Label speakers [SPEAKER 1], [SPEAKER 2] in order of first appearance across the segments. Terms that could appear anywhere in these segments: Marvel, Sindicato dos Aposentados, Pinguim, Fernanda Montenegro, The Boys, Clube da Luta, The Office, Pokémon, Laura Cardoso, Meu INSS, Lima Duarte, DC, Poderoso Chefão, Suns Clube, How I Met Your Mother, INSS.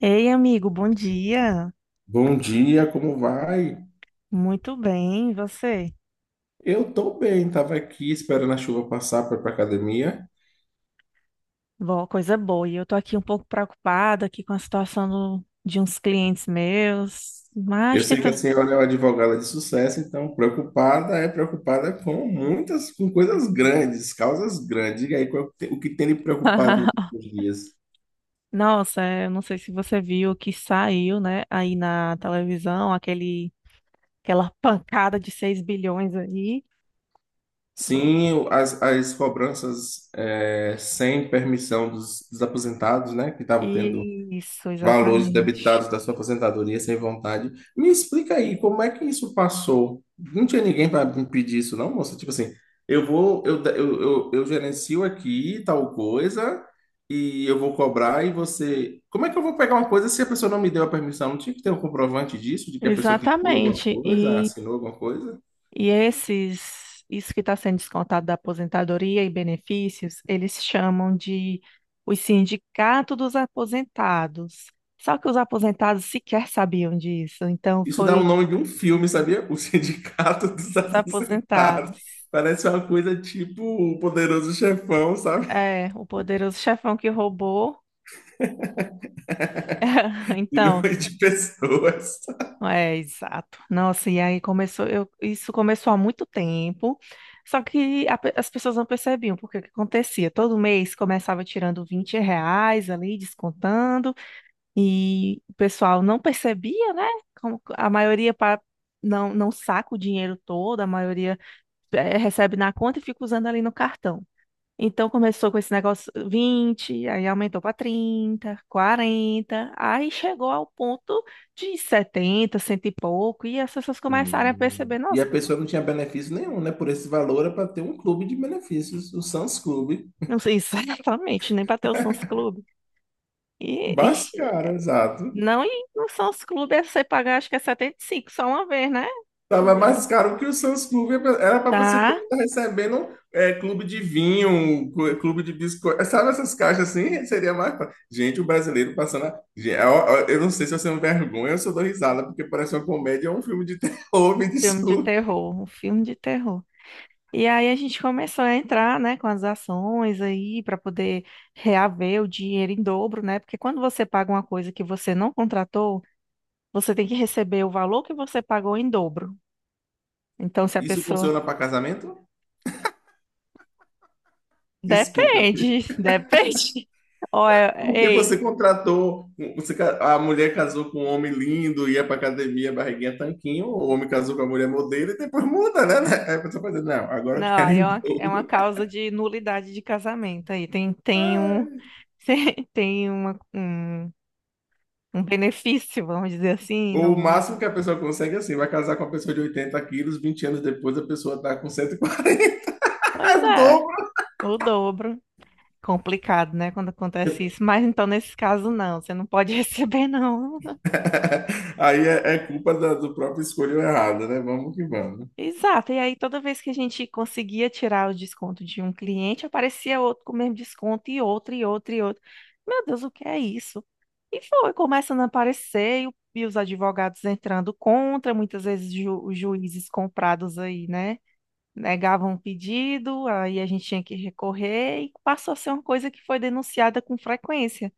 [SPEAKER 1] Ei, amigo, bom dia.
[SPEAKER 2] Bom dia, como vai?
[SPEAKER 1] Muito bem, e você?
[SPEAKER 2] Eu tô bem, tava aqui esperando a chuva passar para ir pra academia.
[SPEAKER 1] Boa, coisa boa. E eu tô aqui um pouco preocupada aqui com a situação de uns clientes meus,
[SPEAKER 2] Eu
[SPEAKER 1] mas
[SPEAKER 2] sei que a
[SPEAKER 1] tenta.
[SPEAKER 2] senhora é uma advogada de sucesso, então preocupada é preocupada com muitas, com coisas grandes, causas grandes. Diga aí o que tem lhe preocupado nos últimos dias?
[SPEAKER 1] Nossa, eu não sei se você viu que saiu, né, aí na televisão, aquela pancada de seis bilhões aí.
[SPEAKER 2] Sim, as cobranças sem permissão dos aposentados, né, que estavam tendo
[SPEAKER 1] Isso,
[SPEAKER 2] valores
[SPEAKER 1] exatamente.
[SPEAKER 2] debitados da sua aposentadoria sem vontade. Me explica aí, como é que isso passou? Não tinha ninguém para impedir isso, não, moça? Tipo assim, eu vou, eu gerencio aqui tal coisa e eu vou cobrar e você. Como é que eu vou pegar uma coisa se a pessoa não me deu a permissão? Não tinha que ter um comprovante disso, de que a pessoa clicou em alguma
[SPEAKER 1] Exatamente.
[SPEAKER 2] coisa,
[SPEAKER 1] E
[SPEAKER 2] assinou alguma coisa?
[SPEAKER 1] E esses, isso que está sendo descontado da aposentadoria e benefícios, eles chamam de o sindicato dos aposentados. Só que os aposentados sequer sabiam disso, então
[SPEAKER 2] Isso dá o
[SPEAKER 1] foi
[SPEAKER 2] nome de um filme, sabia? O Sindicato dos
[SPEAKER 1] os
[SPEAKER 2] Aposentados.
[SPEAKER 1] aposentados.
[SPEAKER 2] Parece uma coisa tipo o Poderoso Chefão, sabe?
[SPEAKER 1] É, o poderoso chefão que roubou. Então,
[SPEAKER 2] Milhões de pessoas.
[SPEAKER 1] é exato. Nossa, e aí começou, isso começou há muito tempo. Só que as pessoas não percebiam porque o que acontecia. Todo mês começava tirando 20 reais ali, descontando. E o pessoal não percebia, né? Como a maioria não, não saca o dinheiro todo, a maioria recebe na conta e fica usando ali no cartão. Então começou com esse negócio 20, aí aumentou para 30, 40, aí chegou ao ponto de 70, cento e pouco, e as pessoas começaram a
[SPEAKER 2] Hum.
[SPEAKER 1] perceber,
[SPEAKER 2] E a
[SPEAKER 1] nossa,
[SPEAKER 2] pessoa não tinha benefício nenhum, né? Por esse valor é para ter um clube de benefícios, o Suns Clube.
[SPEAKER 1] não sei exatamente, nem bateu o Sons Clube.
[SPEAKER 2] É
[SPEAKER 1] E,
[SPEAKER 2] mais
[SPEAKER 1] ixi,
[SPEAKER 2] caro, exato.
[SPEAKER 1] não, e no Sons Clube é você pagar, acho que é 75, só uma vez, né?
[SPEAKER 2] Tava
[SPEAKER 1] Eu-
[SPEAKER 2] mais caro que o Suns Clube. Era para esse povo
[SPEAKER 1] Tá.
[SPEAKER 2] estar recebendo é, clube de vinho, clube de biscoito. É, sabe essas caixas assim? Gente, o brasileiro passando. Eu não sei se eu sou uma vergonha ou se eu dou risada, porque parece uma comédia ou um filme de terror. Me
[SPEAKER 1] Filme de
[SPEAKER 2] desculpe.
[SPEAKER 1] terror, um filme de terror. E aí a gente começou a entrar, né, com as ações aí para poder reaver o dinheiro em dobro, né? Porque quando você paga uma coisa que você não contratou, você tem que receber o valor que você pagou em dobro. Então, se a
[SPEAKER 2] Isso
[SPEAKER 1] pessoa.
[SPEAKER 2] funciona para casamento? Desculpe.
[SPEAKER 1] Depende, depende. Olha,
[SPEAKER 2] Porque você
[SPEAKER 1] ei,
[SPEAKER 2] contratou, um, você, a mulher casou com um homem lindo, ia pra academia, barriguinha, tanquinho, o homem casou com a mulher modelo e depois muda, né? Né? Aí a pessoa fazendo, não, agora eu
[SPEAKER 1] não,
[SPEAKER 2] quero
[SPEAKER 1] aí
[SPEAKER 2] em
[SPEAKER 1] é uma
[SPEAKER 2] dobro.
[SPEAKER 1] causa de nulidade de casamento aí.
[SPEAKER 2] Ai.
[SPEAKER 1] Tem um benefício, vamos dizer assim,
[SPEAKER 2] Ou o
[SPEAKER 1] no.
[SPEAKER 2] máximo que a pessoa consegue, é assim, vai casar com uma pessoa de 80 quilos, 20 anos depois a pessoa tá com 140, é
[SPEAKER 1] Pois
[SPEAKER 2] o
[SPEAKER 1] é.
[SPEAKER 2] dobro.
[SPEAKER 1] O dobro. Complicado, né? Quando acontece isso. Mas então, nesse caso, não. Você não pode receber, não.
[SPEAKER 2] Aí é, é culpa do próprio escolho errado, né? Vamos.
[SPEAKER 1] Exato. E aí, toda vez que a gente conseguia tirar o desconto de um cliente, aparecia outro com o mesmo desconto, e outro, e outro, e outro. Meu Deus, o que é isso? E foi começando a aparecer, e, e os advogados entrando contra, muitas vezes os juízes comprados aí, né? Negavam o pedido, aí a gente tinha que recorrer, e passou a ser uma coisa que foi denunciada com frequência.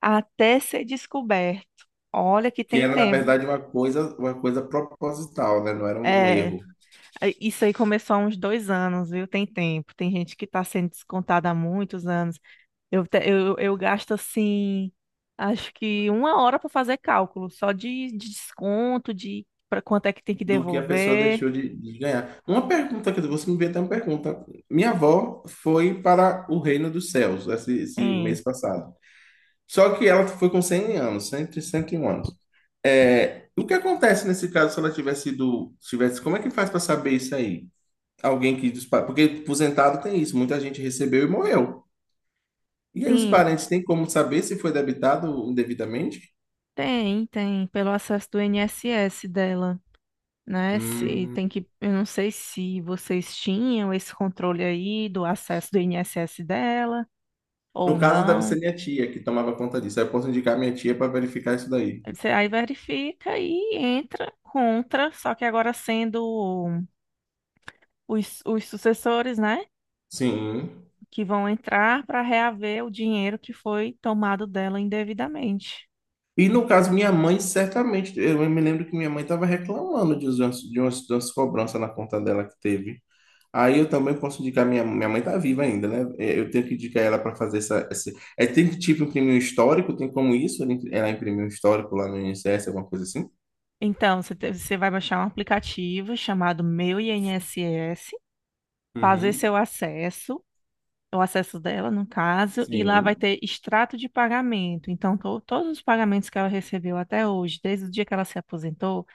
[SPEAKER 1] Até ser descoberto. Olha que
[SPEAKER 2] Que
[SPEAKER 1] tem
[SPEAKER 2] era, na
[SPEAKER 1] tempo.
[SPEAKER 2] verdade, uma coisa proposital, né? Não era um
[SPEAKER 1] É,
[SPEAKER 2] erro.
[SPEAKER 1] isso aí começou há uns dois anos, viu? Tem tempo. Tem gente que está sendo descontada há muitos anos. Eu gasto assim, acho que uma hora para fazer cálculo, só de desconto, de para quanto é que tem que
[SPEAKER 2] Do que a pessoa
[SPEAKER 1] devolver.
[SPEAKER 2] deixou de ganhar. Uma pergunta, quer dizer, você me veio até uma pergunta. Minha avó foi para o reino dos céus esse
[SPEAKER 1] Tem,
[SPEAKER 2] mês passado. Só que ela foi com 100 anos, cem, cento e 101 anos. É, o que acontece nesse caso se ela tivesse sido, tivesse, como é que faz para saber isso aí? Alguém que dos pa- porque aposentado tem isso, muita gente recebeu e morreu. E aí os
[SPEAKER 1] tem,
[SPEAKER 2] parentes têm como saber se foi debitado indevidamente?
[SPEAKER 1] tem, pelo acesso do INSS dela. Né, se
[SPEAKER 2] Hum.
[SPEAKER 1] tem que, eu não sei se vocês tinham esse controle aí do acesso do INSS dela.
[SPEAKER 2] No
[SPEAKER 1] Ou
[SPEAKER 2] caso, deve ser
[SPEAKER 1] não.
[SPEAKER 2] minha tia que tomava conta disso. Aí eu posso indicar minha tia para verificar isso daí.
[SPEAKER 1] Você aí verifica e entra contra, só que agora sendo os sucessores, né,
[SPEAKER 2] Sim.
[SPEAKER 1] que vão entrar para reaver o dinheiro que foi tomado dela indevidamente.
[SPEAKER 2] E no caso, minha mãe, certamente, eu me lembro que minha mãe estava reclamando de umas cobranças na conta dela que teve. Aí eu também posso indicar, minha mãe está viva ainda, né? É, eu tenho que indicar ela para fazer tem que tipo imprimir um histórico, tem como isso? Ela imprimir um histórico lá no INSS, alguma coisa assim?
[SPEAKER 1] Então, você vai baixar um aplicativo chamado Meu INSS, fazer seu
[SPEAKER 2] Uhum.
[SPEAKER 1] acesso, o acesso dela, no caso, e lá vai
[SPEAKER 2] Sim.
[SPEAKER 1] ter extrato de pagamento. Então, todos os pagamentos que ela recebeu até hoje, desde o dia que ela se aposentou,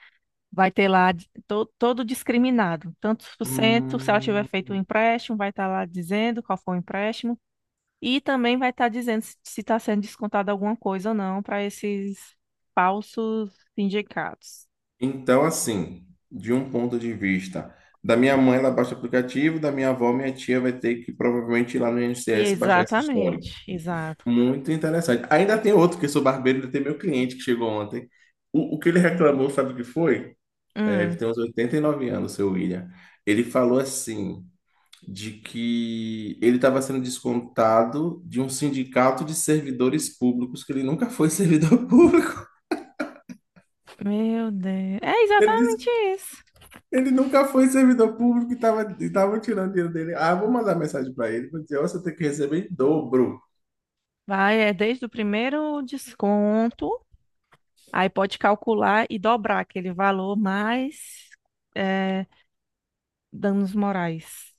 [SPEAKER 1] vai ter lá todo discriminado. Tantos por cento, se ela tiver
[SPEAKER 2] Hum,
[SPEAKER 1] feito o empréstimo, vai estar lá dizendo qual foi o empréstimo. E também vai estar dizendo se está sendo descontada alguma coisa ou não para esses falsos sindicatos.
[SPEAKER 2] então, assim, de um ponto de vista, da minha mãe ela baixa o aplicativo, da minha avó, minha tia vai ter que provavelmente ir lá no INSS baixar esse histórico.
[SPEAKER 1] Exatamente, exato.
[SPEAKER 2] Muito interessante. Ainda tem outro, que eu sou barbeiro, ainda tem meu cliente que chegou ontem. O que ele reclamou, sabe o que foi? É, ele
[SPEAKER 1] Hum,
[SPEAKER 2] tem uns 89 anos, seu William. Ele falou assim, de que ele estava sendo descontado de um sindicato de servidores públicos, que ele nunca foi servidor público.
[SPEAKER 1] meu Deus. É
[SPEAKER 2] Ele disse
[SPEAKER 1] exatamente
[SPEAKER 2] que
[SPEAKER 1] isso.
[SPEAKER 2] ele nunca foi servidor público e estava tirando dinheiro dele. Ah, eu vou mandar mensagem para ele, vou dizer, "Ó, você tem que receber em dobro.
[SPEAKER 1] Vai, é desde o primeiro desconto, aí pode calcular e dobrar aquele valor mais é, danos morais.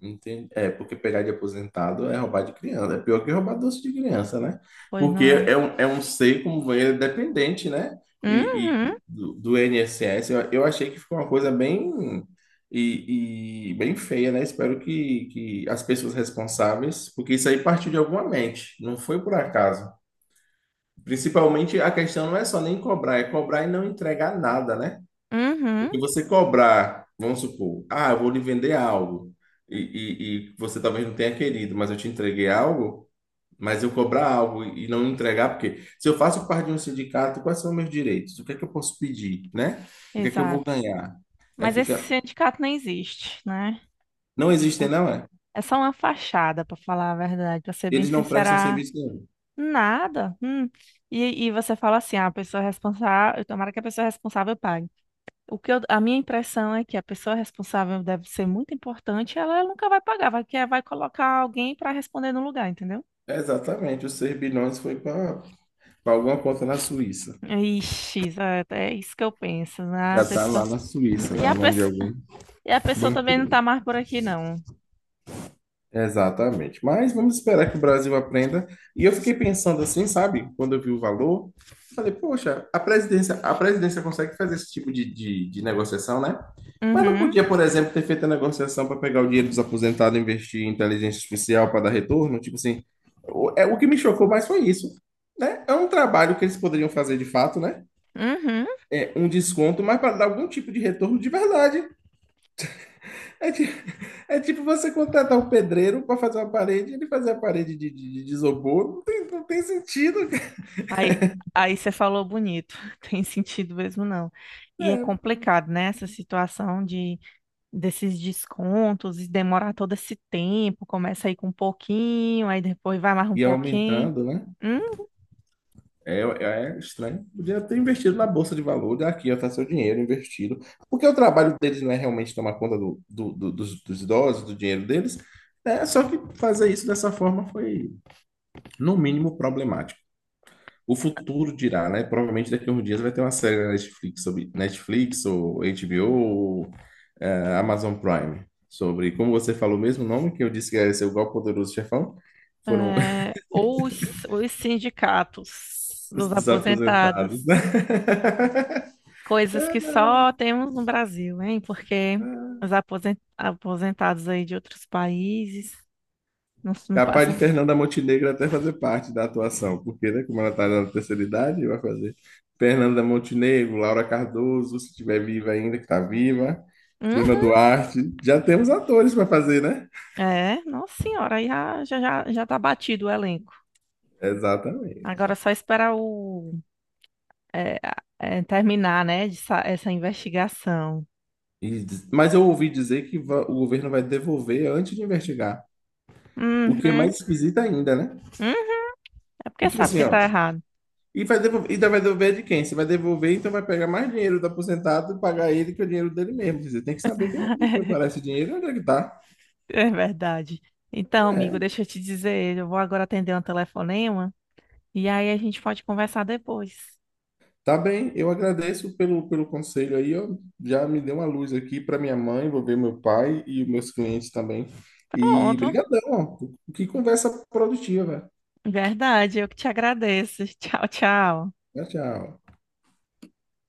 [SPEAKER 2] Entendi. É, porque pegar de aposentado é roubar de criança. É pior que roubar doce de criança, né?
[SPEAKER 1] Pois
[SPEAKER 2] Porque
[SPEAKER 1] não é?
[SPEAKER 2] é um ser como ele é dependente, né?
[SPEAKER 1] Uhum,
[SPEAKER 2] E do, do INSS, eu achei que ficou uma coisa bem e bem feia, né? Espero que as pessoas responsáveis, porque isso aí partiu de alguma mente, não foi por acaso. Principalmente a questão não é só nem cobrar, é cobrar e não entregar nada, né?
[SPEAKER 1] uhum,
[SPEAKER 2] Porque você cobrar, vamos supor, ah, eu vou lhe vender algo, e, e você talvez não tenha querido, mas eu te entreguei algo, mas eu cobrar algo e não entregar, porque se eu faço parte de um sindicato, quais são meus direitos? O que é que eu posso pedir, né? O que é que eu vou
[SPEAKER 1] exato.
[SPEAKER 2] ganhar? Aí
[SPEAKER 1] Mas esse
[SPEAKER 2] fica,
[SPEAKER 1] sindicato nem existe, né?
[SPEAKER 2] não existem,
[SPEAKER 1] Essa-
[SPEAKER 2] não é?
[SPEAKER 1] É só uma fachada, para falar a verdade, para ser bem
[SPEAKER 2] Eles não prestam
[SPEAKER 1] sincera,
[SPEAKER 2] serviço nenhum.
[SPEAKER 1] nada. Hum. E você fala assim, ah, a pessoa responsável, tomara que a pessoa responsável pague. A minha impressão é que a pessoa responsável deve ser muito importante, ela nunca vai pagar, vai colocar alguém para responder no lugar, entendeu?
[SPEAKER 2] Exatamente, os 6 bilhões foi para alguma conta na Suíça.
[SPEAKER 1] Ixi, exato, é isso que eu penso, né?
[SPEAKER 2] Já
[SPEAKER 1] A
[SPEAKER 2] está
[SPEAKER 1] pessoa,
[SPEAKER 2] lá na Suíça,
[SPEAKER 1] e
[SPEAKER 2] na
[SPEAKER 1] a, pe-
[SPEAKER 2] mão de algum
[SPEAKER 1] E a pessoa também não
[SPEAKER 2] banqueiro.
[SPEAKER 1] tá mais por aqui, não.
[SPEAKER 2] Exatamente. Mas vamos esperar que o Brasil aprenda. E eu fiquei pensando assim, sabe? Quando eu vi o valor, falei, poxa, a presidência consegue fazer esse tipo de negociação, né? Mas não
[SPEAKER 1] Uhum,
[SPEAKER 2] podia, por exemplo, ter feito a negociação para pegar o dinheiro dos aposentados e investir em inteligência artificial para dar retorno? Tipo assim, o que me chocou mais foi isso, né? É um trabalho que eles poderiam fazer de fato, né?
[SPEAKER 1] uhum.
[SPEAKER 2] É um desconto, mas para dar algum tipo de retorno de verdade. É, ti- é tipo você contratar um pedreiro para fazer uma parede, ele fazer a parede de isopor, não tem sentido, cara.
[SPEAKER 1] Aí, aí você falou bonito, tem sentido mesmo não. E é
[SPEAKER 2] É.
[SPEAKER 1] complicado, né? Essa situação de desses descontos e demorar todo esse tempo, começa aí com um pouquinho, aí depois vai mais um
[SPEAKER 2] E
[SPEAKER 1] pouquinho.
[SPEAKER 2] aumentando, né?
[SPEAKER 1] Hum,
[SPEAKER 2] É, é estranho. Podia ter investido na bolsa de valores, aqui, ó, tá seu dinheiro investido. Porque o trabalho deles não é realmente tomar conta dos idosos, do dinheiro deles. É, só que fazer isso dessa forma foi, no mínimo, problemático. O futuro dirá, né? Provavelmente daqui a uns dias vai ter uma série na Netflix sobre Netflix ou HBO ou Amazon Prime sobre, como você falou o mesmo nome que eu disse que era seu igual poderoso chefão, foram
[SPEAKER 1] é, ou os sindicatos
[SPEAKER 2] os
[SPEAKER 1] dos aposentados,
[SPEAKER 2] desaposentados, né?
[SPEAKER 1] coisas que só temos no Brasil, hein? Porque aposentados aí de outros países não, não
[SPEAKER 2] Capaz de
[SPEAKER 1] passam.
[SPEAKER 2] Fernanda Montenegro até fazer parte da atuação, porque, né, como ela está na terceira idade, vai fazer Fernanda Montenegro, Laura Cardoso, se estiver viva ainda, que está viva,
[SPEAKER 1] Hum?
[SPEAKER 2] Lima Duarte. Já temos atores para fazer, né?
[SPEAKER 1] É, nossa senhora, aí já tá batido o elenco. Agora
[SPEAKER 2] Exatamente.
[SPEAKER 1] é só esperar é, terminar, né, de essa investigação.
[SPEAKER 2] Mas eu ouvi dizer que o governo vai devolver antes de investigar. O que é
[SPEAKER 1] Uhum,
[SPEAKER 2] mais esquisito ainda, né?
[SPEAKER 1] uhum, é
[SPEAKER 2] E
[SPEAKER 1] porque
[SPEAKER 2] tipo
[SPEAKER 1] sabe
[SPEAKER 2] assim,
[SPEAKER 1] que
[SPEAKER 2] ó.
[SPEAKER 1] tá errado.
[SPEAKER 2] E vai devolver, ainda vai devolver de quem? Se vai devolver, então vai pegar mais dinheiro do aposentado e pagar ele que é o dinheiro dele mesmo. Quer dizer, tem que saber quem, onde foi parar esse dinheiro e onde é que tá.
[SPEAKER 1] É verdade. Então,
[SPEAKER 2] É,
[SPEAKER 1] amigo, deixa eu te dizer, eu vou agora atender um telefonema e aí a gente pode conversar depois.
[SPEAKER 2] tá bem. Eu agradeço pelo, pelo conselho aí, ó. Já me deu uma luz aqui para minha mãe, vou ver meu pai e os meus clientes também. E
[SPEAKER 1] Pronto,
[SPEAKER 2] brigadão, ó. Que conversa produtiva, velho.
[SPEAKER 1] verdade, eu que te agradeço. Tchau, tchau.
[SPEAKER 2] Tchau, tchau.